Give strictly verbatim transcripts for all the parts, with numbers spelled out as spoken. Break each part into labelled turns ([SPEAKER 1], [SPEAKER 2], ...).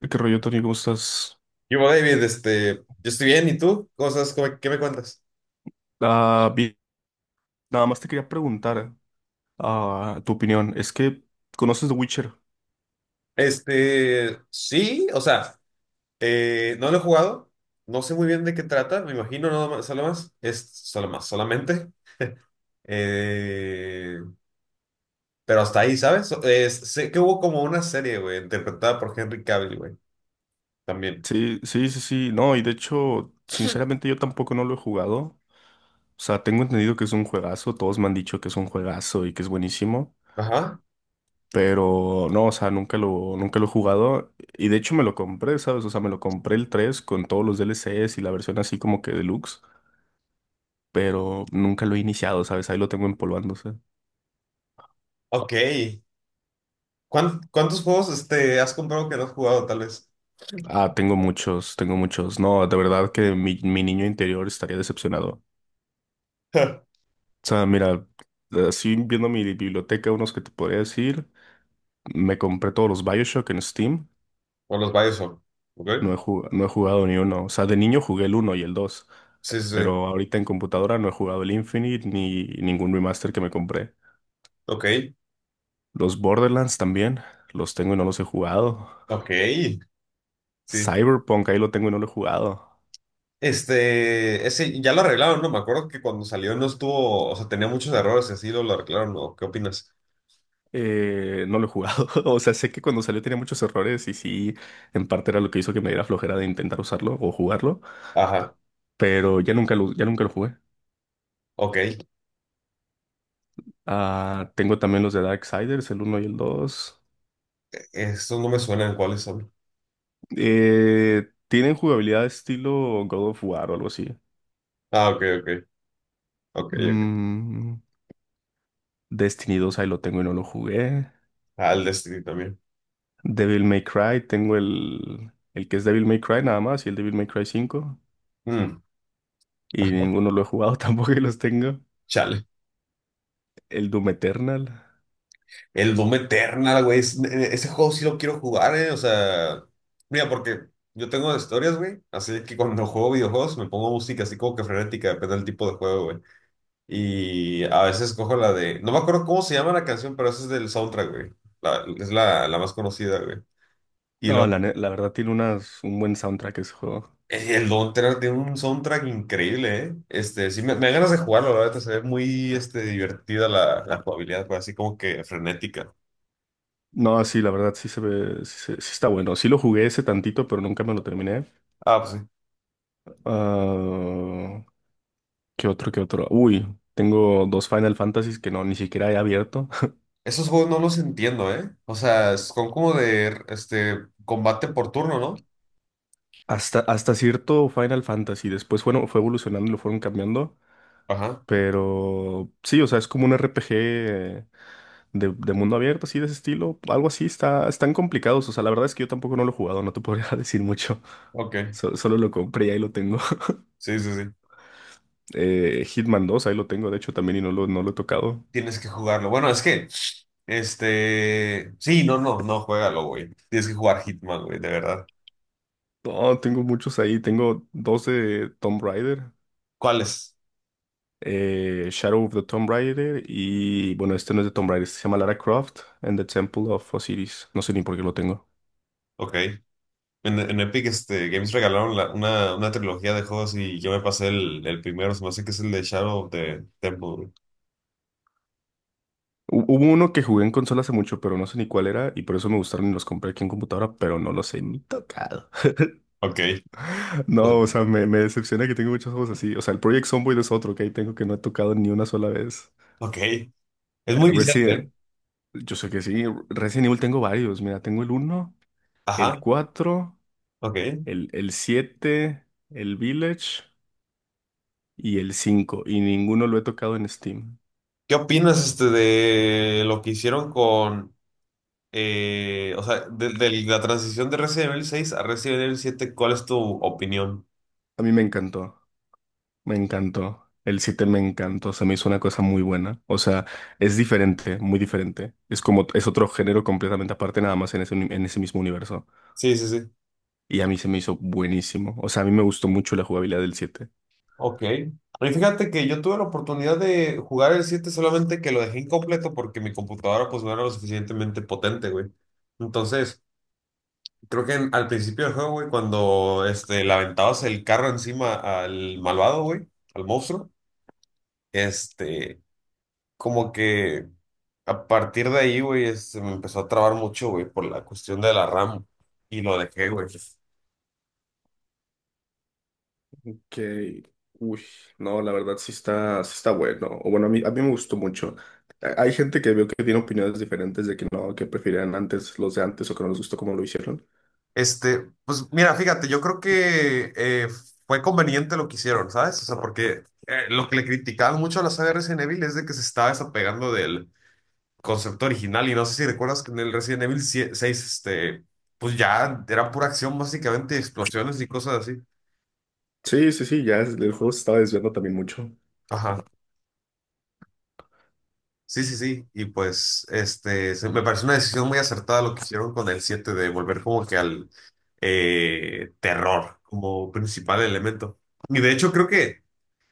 [SPEAKER 1] ¿Qué rollo, Tony? ¿Cómo estás?
[SPEAKER 2] Yo, David, este, yo estoy bien, ¿y tú? ¿Cosas, cómo- qué me cuentas?
[SPEAKER 1] Ah, bien. Nada más te quería preguntar ah, tu opinión. Es que conoces The Witcher.
[SPEAKER 2] Este, sí, o sea, eh, no lo he jugado, no sé muy bien de qué trata, me imagino nada más, solo más, es solo más, solamente, eh, pero hasta ahí, ¿sabes? So- es- sé que hubo como una serie, güey, interpretada por Henry Cavill, güey, también.
[SPEAKER 1] Sí, sí, sí, sí. No, y de hecho, sinceramente yo tampoco no lo he jugado. O sea, tengo entendido que es un juegazo. Todos me han dicho que es un juegazo y que es buenísimo.
[SPEAKER 2] Ajá,
[SPEAKER 1] Pero no, o sea, nunca lo, nunca lo he jugado. Y de hecho me lo compré, ¿sabes? O sea, me lo compré el tres con todos los D L Cs y la versión así como que deluxe. Pero nunca lo he iniciado, ¿sabes? Ahí lo tengo empolvándose.
[SPEAKER 2] ok. ¿Cuán- ¿Cuántos juegos, este, has comprado que no has jugado, tal vez?
[SPEAKER 1] Ah, tengo muchos, tengo muchos. No, de verdad que mi, mi niño interior estaría decepcionado. O sea, mira, así viendo mi biblioteca, unos que te podría decir, me compré todos los BioShock en Steam.
[SPEAKER 2] O los bioshock son,
[SPEAKER 1] No
[SPEAKER 2] ¿ok?
[SPEAKER 1] he, ju- no he jugado ni uno. O sea, de niño jugué el uno y el dos,
[SPEAKER 2] Sí, sí, sí,
[SPEAKER 1] pero ahorita en computadora no he jugado el Infinite ni ningún remaster que me compré.
[SPEAKER 2] ok,
[SPEAKER 1] Los Borderlands también, los tengo y no los he jugado.
[SPEAKER 2] ok, sí.
[SPEAKER 1] Cyberpunk, ahí lo tengo y no lo he jugado.
[SPEAKER 2] Este, ese ya lo arreglaron, ¿no? Me acuerdo que cuando salió no estuvo, o sea, tenía muchos errores y así lo, lo arreglaron, ¿no? ¿Qué opinas?
[SPEAKER 1] Eh, no lo he jugado. O sea, sé que cuando salió tenía muchos errores y sí, en parte era lo que hizo que me diera flojera de intentar usarlo o jugarlo,
[SPEAKER 2] Ajá,
[SPEAKER 1] pero ya nunca lo, ya nunca lo jugué.
[SPEAKER 2] ok.
[SPEAKER 1] Ah, tengo también los de Darksiders, el uno y el dos.
[SPEAKER 2] Estos no me suenan, ¿cuáles son?
[SPEAKER 1] Eh, tienen jugabilidad estilo God of War o algo así.
[SPEAKER 2] Ah, ok, ok, ok, ok.
[SPEAKER 1] Mm, Destiny dos ahí lo tengo y no lo jugué.
[SPEAKER 2] Ah, el Destiny también.
[SPEAKER 1] Devil May Cry, tengo el, el que es Devil May Cry nada más y el Devil May Cry cinco.
[SPEAKER 2] Mm,
[SPEAKER 1] Y ninguno lo he jugado, tampoco y los tengo.
[SPEAKER 2] chale.
[SPEAKER 1] El Doom Eternal.
[SPEAKER 2] El Doom Eternal, güey. Es- e- ese juego sí lo quiero jugar, ¿eh? O sea, mira, porque yo tengo historias, güey. Así que cuando juego videojuegos me pongo música así como que frenética, depende del tipo de juego, güey. Y a veces cojo la de. No me acuerdo cómo se llama la canción, pero esa es del soundtrack, güey. La- es la, la más conocida, güey. Y
[SPEAKER 1] No,
[SPEAKER 2] lo,
[SPEAKER 1] la, ne- la verdad tiene unas, un buen soundtrack ese juego.
[SPEAKER 2] eh, el Don't Tread tiene un soundtrack increíble, ¿eh? Este, sí, me, me dan ganas de jugarlo, la verdad. Se ve muy este, divertida la, la jugabilidad, pues, así como que frenética.
[SPEAKER 1] No, sí, la verdad sí se ve, sí, se- sí está bueno. Sí lo jugué ese tantito, pero nunca me lo terminé.
[SPEAKER 2] Ah, pues sí.
[SPEAKER 1] Ah, ¿Qué otro, qué otro? Uy, tengo dos Final Fantasies que no, ni siquiera he abierto.
[SPEAKER 2] Esos juegos no los entiendo, ¿eh? O sea, son como de este, combate por turno, ¿no?
[SPEAKER 1] Hasta, hasta cierto Final Fantasy. Después, bueno, fue evolucionando y lo fueron cambiando.
[SPEAKER 2] Ajá.
[SPEAKER 1] Pero sí, o sea, es como un R P G de, de mundo abierto, así de ese estilo. Algo así, está, están complicados. O sea, la verdad es que yo tampoco no lo he jugado, no te podría decir mucho.
[SPEAKER 2] Ok.
[SPEAKER 1] So- solo lo compré y ahí lo tengo.
[SPEAKER 2] Sí, sí, sí.
[SPEAKER 1] Eh, Hitman dos, ahí lo tengo, de hecho también y no lo, no lo he tocado.
[SPEAKER 2] Tienes que jugarlo. Bueno, es que, este, sí, no, no, no, juégalo, güey. Tienes que jugar Hitman, güey, de verdad.
[SPEAKER 1] No, tengo muchos ahí, tengo dos de Tomb Raider,
[SPEAKER 2] ¿Cuáles?
[SPEAKER 1] eh, Shadow of the Tomb Raider y bueno, este no es de Tomb Raider, este se llama Lara Croft and the Temple of Osiris, no sé ni por qué lo tengo.
[SPEAKER 2] Ok. En, en Epic este, Games regalaron la- una, una trilogía de juegos y yo me pasé el, el primero, se me hace que es el de Shadow of the Temple, güey.
[SPEAKER 1] Hu- Hubo uno que jugué en consola hace mucho, pero no sé ni cuál era y por eso me gustaron y los compré aquí en computadora, pero no los he ni tocado.
[SPEAKER 2] Ok.
[SPEAKER 1] No, o
[SPEAKER 2] Bueno,
[SPEAKER 1] sea, me, me decepciona que tengo muchos juegos así. O sea, el Project Zomboid es otro que ahí tengo que no he tocado ni una sola vez.
[SPEAKER 2] ok. Es muy viciante,
[SPEAKER 1] Resident,
[SPEAKER 2] ¿eh?
[SPEAKER 1] Yo sé que sí, Resident Evil tengo varios. Mira, tengo el uno, el
[SPEAKER 2] Ajá,
[SPEAKER 1] cuatro,
[SPEAKER 2] ok.
[SPEAKER 1] el, el siete, el Village y el cinco. Y ninguno lo he tocado en Steam.
[SPEAKER 2] ¿Qué opinas este, de lo que hicieron con, eh, o sea, de, de la transición de Resident Evil seis a Resident Evil siete? ¿Cuál es tu opinión?
[SPEAKER 1] A mí me encantó, me encantó. El siete me encantó, se me hizo una cosa muy buena. O sea, es diferente, muy diferente. Es como, es otro género completamente aparte, nada más en ese, uni- en ese mismo universo.
[SPEAKER 2] Sí, sí, sí.
[SPEAKER 1] Y a mí se me hizo buenísimo. O sea, a mí me gustó mucho la jugabilidad del siete.
[SPEAKER 2] Ok. Y fíjate que yo tuve la oportunidad de jugar el siete, solamente que lo dejé incompleto porque mi computadora pues no era lo suficientemente potente, güey. Entonces, creo que en- al principio del juego, güey, cuando este, le aventabas el carro encima al malvado, güey, al monstruo, este, como que a partir de ahí, güey, se me empezó a trabar mucho, güey, por la cuestión de la RAM y lo dejé, güey.
[SPEAKER 1] Que, uy, no, la verdad sí está, sí está bueno. O bueno, a mí, a mí me gustó mucho. A- Hay gente que veo que tiene opiniones diferentes de que no, que preferían antes los de antes o que no les gustó como lo hicieron.
[SPEAKER 2] Este, pues mira, fíjate, yo creo que eh, fue conveniente lo que hicieron, ¿sabes? O sea, porque eh, lo que le criticaban mucho a la saga Resident Evil es de que se estaba desapegando del concepto original, y no sé si recuerdas que en el Resident Evil sie- seis este, pues ya era pura acción básicamente, explosiones y cosas así.
[SPEAKER 1] Sí, sí, sí, ya es- el juego se estaba desviando también mucho.
[SPEAKER 2] Ajá, sí, sí, sí. Y pues, este, se- me parece una decisión muy acertada lo que hicieron con el siete de volver como que al eh, terror como principal elemento. Y de hecho creo que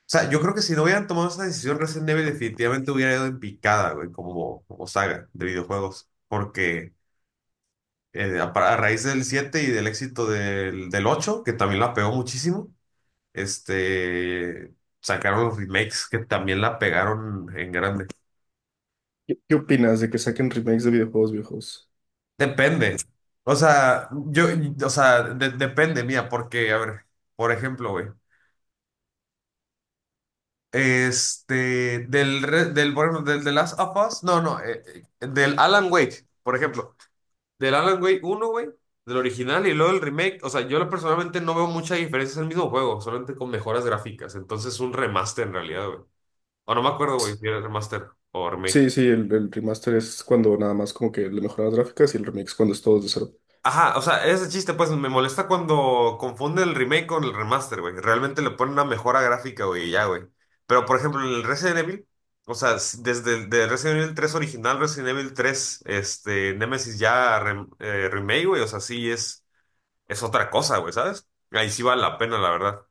[SPEAKER 2] sea, yo creo que si no hubieran tomado esa decisión, Resident Evil definitivamente hubiera ido en picada, güey, como, como saga de videojuegos. Porque eh, a, pa- a raíz del siete y del éxito del, del ocho, que también la pegó muchísimo, este, sacaron los remakes que también la pegaron en grande.
[SPEAKER 1] ¿Qué, qué opinas de que saquen remakes de videojuegos viejos?
[SPEAKER 2] Depende. O sea, yo, o sea, de- depende, mía, porque, a ver, por ejemplo, güey. Este, del, re- del, por ejemplo, del The Last of Us, no, no, eh, eh, del Alan Wake, por ejemplo. Del Alan Wake uno, güey, del original y luego el remake. O sea, yo lo- personalmente no veo mucha diferencia, es el mismo juego, solamente con mejoras gráficas. Entonces, un remaster en realidad, güey. O no me acuerdo, güey, si era remaster o remake.
[SPEAKER 1] Sí, sí, el, el remaster es cuando nada más como que le mejoran las gráficas y el remix cuando es todo de cero.
[SPEAKER 2] Ajá, o sea, ese chiste, pues me molesta cuando confunden el remake con el remaster, güey. Realmente le ponen una mejora gráfica, güey, y ya, güey. Pero, por ejemplo, en el Resident Evil, o sea, s- desde el de Resident Evil tres original, Resident Evil tres este, Nemesis ya rem- eh, remake, güey, o sea, sí es. Es otra cosa, güey, ¿sabes? Ahí sí vale la pena, la verdad.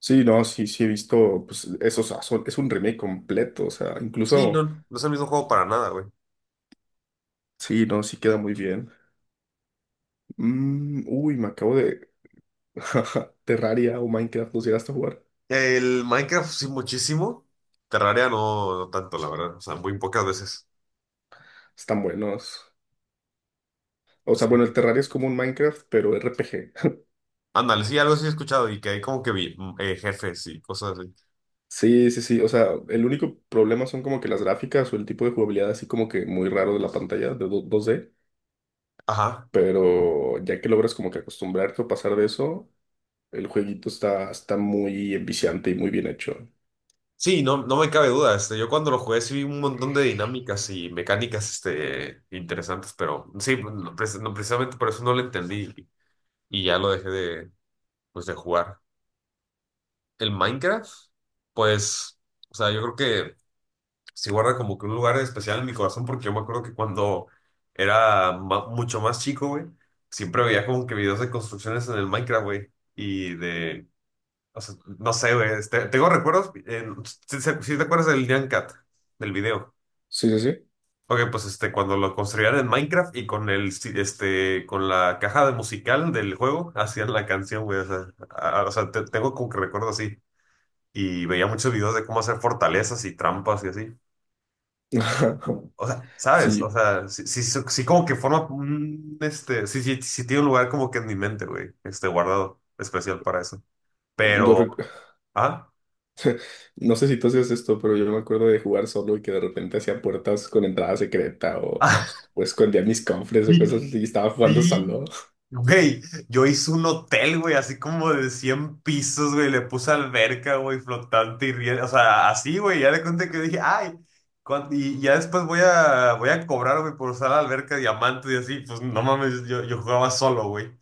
[SPEAKER 1] Sí, no, sí, sí he visto, pues eso, o sea, son- es un remake completo, o sea,
[SPEAKER 2] Sí, no,
[SPEAKER 1] incluso,
[SPEAKER 2] no es el mismo juego para nada, güey.
[SPEAKER 1] sí, no, sí queda muy bien. Mm, uy, me acabo de. Terraria o Minecraft, ¿los llegaste a jugar?
[SPEAKER 2] El Minecraft sí muchísimo, Terraria no, no tanto, la verdad, o sea, muy pocas veces.
[SPEAKER 1] Están buenos. O sea, bueno, el
[SPEAKER 2] Sí.
[SPEAKER 1] Terraria es como un Minecraft, pero R P G.
[SPEAKER 2] Ándale, sí, algo sí he escuchado y que hay como que vi mm, eh, jefes y cosas así.
[SPEAKER 1] Sí, sí, sí, o sea, el único problema son como que las gráficas o el tipo de jugabilidad así como que muy raro de la pantalla, de do- dos D,
[SPEAKER 2] Ajá.
[SPEAKER 1] pero ya que logras como que acostumbrarte o pasar de eso, el jueguito está, está muy enviciante y muy bien hecho.
[SPEAKER 2] Sí, no, no me cabe duda, este, yo cuando lo jugué sí vi un montón de dinámicas y mecánicas, este, interesantes, pero sí, no, pre- no, precisamente por eso no lo entendí y, y ya lo dejé de, pues, de jugar. El Minecraft, pues, o sea, yo creo que sí guarda como que un lugar especial en mi corazón, porque yo me acuerdo que cuando era ma- mucho más chico, güey, siempre veía como que videos de construcciones en el Minecraft, güey, y de, o sea, no sé, güey, este, tengo recuerdos, eh, si, si- si te acuerdas del Nyan Cat, del video.
[SPEAKER 1] Sí, sí, sí.
[SPEAKER 2] Ok, pues este, cuando lo construían en Minecraft y con el, si- este, con la caja de musical del juego, hacían la canción, güey, o sea, a- a- o sea, te- tengo como que recuerdo así, y veía muchos videos de cómo hacer fortalezas y trampas y así. O sea, ¿sabes? O
[SPEAKER 1] Sí,
[SPEAKER 2] sea, sí, sí, sí, sí como que forma un, este, sí, sí, sí tiene un lugar como que en mi mente, güey, este, guardado especial para eso.
[SPEAKER 1] yo
[SPEAKER 2] Pero,
[SPEAKER 1] rec-
[SPEAKER 2] ah,
[SPEAKER 1] no sé si tú hacías esto, pero yo me acuerdo de jugar solo y que de repente hacía puertas con entrada secreta o, o escondía mis cofres o
[SPEAKER 2] sí,
[SPEAKER 1] cosas así y estaba jugando
[SPEAKER 2] sí,
[SPEAKER 1] solo.
[SPEAKER 2] güey, yo hice un hotel, güey, así como de cien pisos, güey, le puse alberca, güey, flotante y riel, o sea, así, güey, ya le conté que dije, ay, cuan- y ya después voy a, voy a cobrar, güey, por usar la alberca diamante y así, pues no mames, yo, yo jugaba solo, güey.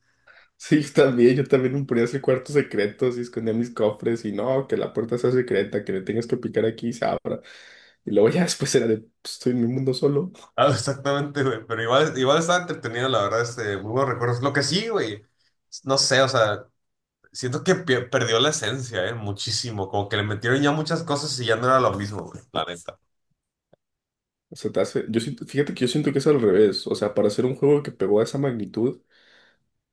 [SPEAKER 1] Sí, yo también, yo también me ponía a hacer cuartos secretos y escondía mis cofres y no, que la puerta sea secreta, que le tengas que picar aquí y se abra. Y luego ya después era de, "Pues, estoy en mi mundo solo.
[SPEAKER 2] Ah, exactamente, güey, pero igual, igual estaba entretenido, la verdad, este, muy buenos recuerdos. Lo que sí, güey, no sé, o sea, siento que pe- perdió la esencia, eh, muchísimo, como que le metieron ya muchas cosas y ya no era lo mismo, güey, la neta.
[SPEAKER 1] O sea, te hace- yo siento- fíjate que yo siento que es al revés. O sea, para hacer un juego que pegó a esa magnitud,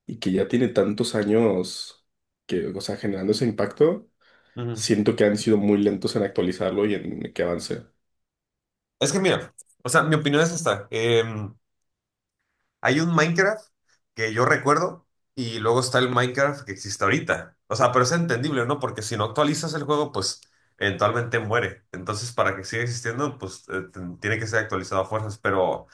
[SPEAKER 1] y que ya tiene tantos años que, o sea, generando ese impacto, siento que han sido muy lentos en actualizarlo y en que avance.
[SPEAKER 2] Es que mira, o sea, mi opinión es esta. Eh, hay un Minecraft que yo recuerdo, y luego está el Minecraft que existe ahorita. O sea, pero es entendible, ¿no? Porque si no actualizas el juego, pues eventualmente muere. Entonces, para que siga existiendo, pues eh, t- tiene que ser actualizado a fuerzas. Pero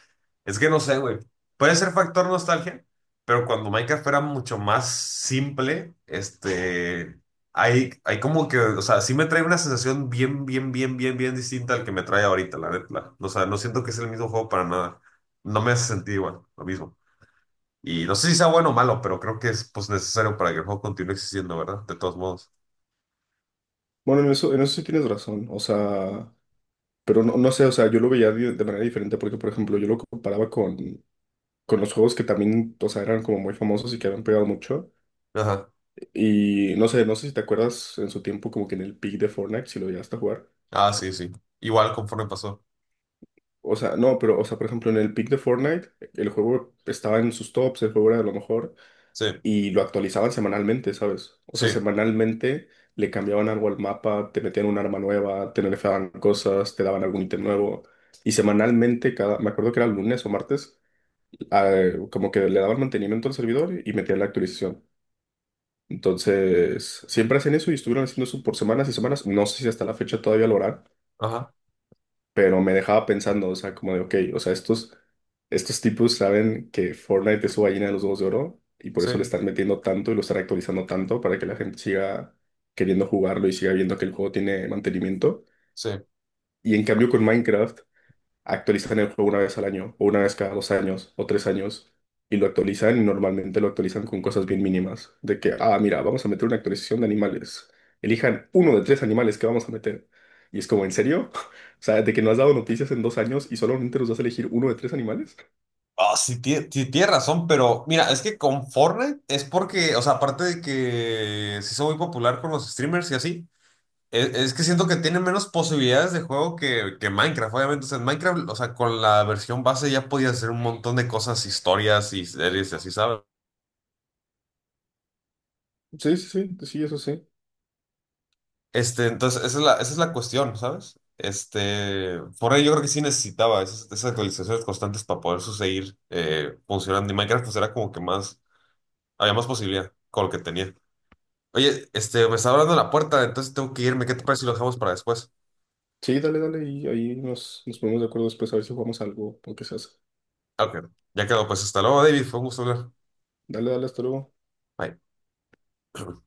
[SPEAKER 2] es que no sé, güey. Puede ser factor nostalgia, pero cuando Minecraft era mucho más simple, este, hay, hay como que, o sea, sí me trae una sensación bien, bien, bien, bien, bien distinta al que me trae ahorita, la neta. O sea, no siento que es el mismo juego para nada. No me hace sentir igual, lo mismo. Y no sé si sea bueno o malo, pero creo que es pues necesario para que el juego continúe existiendo, ¿verdad? De todos modos.
[SPEAKER 1] Bueno, en eso, en eso sí tienes razón, o sea, pero no, no sé, o sea, yo lo veía de, de manera diferente porque, por ejemplo, yo lo comparaba con, con los juegos que también, o sea, eran como muy famosos y que habían pegado mucho.
[SPEAKER 2] Ajá.
[SPEAKER 1] Y no sé, no sé si te acuerdas en su tiempo como que en el peak de Fortnite, si lo llegaste a jugar.
[SPEAKER 2] Ah, sí, sí. Igual conforme pasó.
[SPEAKER 1] O sea, no, pero, o sea, por ejemplo, en el peak de Fortnite, el juego estaba en sus tops, el juego era de lo mejor,
[SPEAKER 2] Sí,
[SPEAKER 1] y lo actualizaban semanalmente, ¿sabes? O sea,
[SPEAKER 2] sí.
[SPEAKER 1] semanalmente le cambiaban algo al mapa, te metían un arma nueva, te nerfeaban cosas, te daban algún ítem nuevo. Y semanalmente, cada, me acuerdo que era lunes o martes, eh, como que le daban mantenimiento al servidor y metían la actualización. Entonces, siempre hacen eso y estuvieron haciendo eso por semanas y semanas. No sé si hasta la fecha todavía lo harán,
[SPEAKER 2] Ajá.
[SPEAKER 1] pero me dejaba pensando, o sea, como de, ok, o sea, estos, estos, tipos saben que Fortnite es su gallina de los huevos de oro y por
[SPEAKER 2] Sí,
[SPEAKER 1] eso le están metiendo tanto y lo están actualizando tanto para que la gente siga queriendo jugarlo y siga viendo que el juego tiene mantenimiento.
[SPEAKER 2] sí.
[SPEAKER 1] Y en cambio con Minecraft actualizan el juego una vez al año, o una vez cada dos años, o tres años, y lo actualizan y normalmente lo actualizan con cosas bien mínimas, de que, ah, mira, vamos a meter una actualización de animales, elijan uno de tres animales que vamos a meter. Y es como, ¿en serio? O sea, de que no has dado noticias en dos años y solamente nos vas a elegir uno de tres animales.
[SPEAKER 2] Ah, sí, tie- ti- tiene razón, pero mira, es que con Fortnite es porque, o sea, aparte de que se hizo muy popular con los streamers y así, e- es que siento que tiene menos posibilidades de juego que, que Minecraft, obviamente. O sea, en Minecraft, o sea, con la versión base ya podías hacer un montón de cosas, historias y series y así, ¿sabes?
[SPEAKER 1] Sí, sí, sí, sí, eso sí.
[SPEAKER 2] Este, entonces, esa es la, esa es la cuestión, ¿sabes? Este, por ahí yo creo que sí necesitaba esas, esas actualizaciones constantes para poder seguir eh, funcionando. Y Minecraft pues era como que más, había más posibilidad con lo que tenía. Oye, este, me está hablando la puerta, entonces tengo que irme. ¿Qué te parece si lo dejamos para después?
[SPEAKER 1] Sí, dale, dale, y ahí nos, nos ponemos de acuerdo después a ver si jugamos algo o qué se hace.
[SPEAKER 2] Ah, ok, ya quedó. Pues hasta luego, David. Fue un gusto hablar.
[SPEAKER 1] Dale, dale, hasta luego.
[SPEAKER 2] Bye.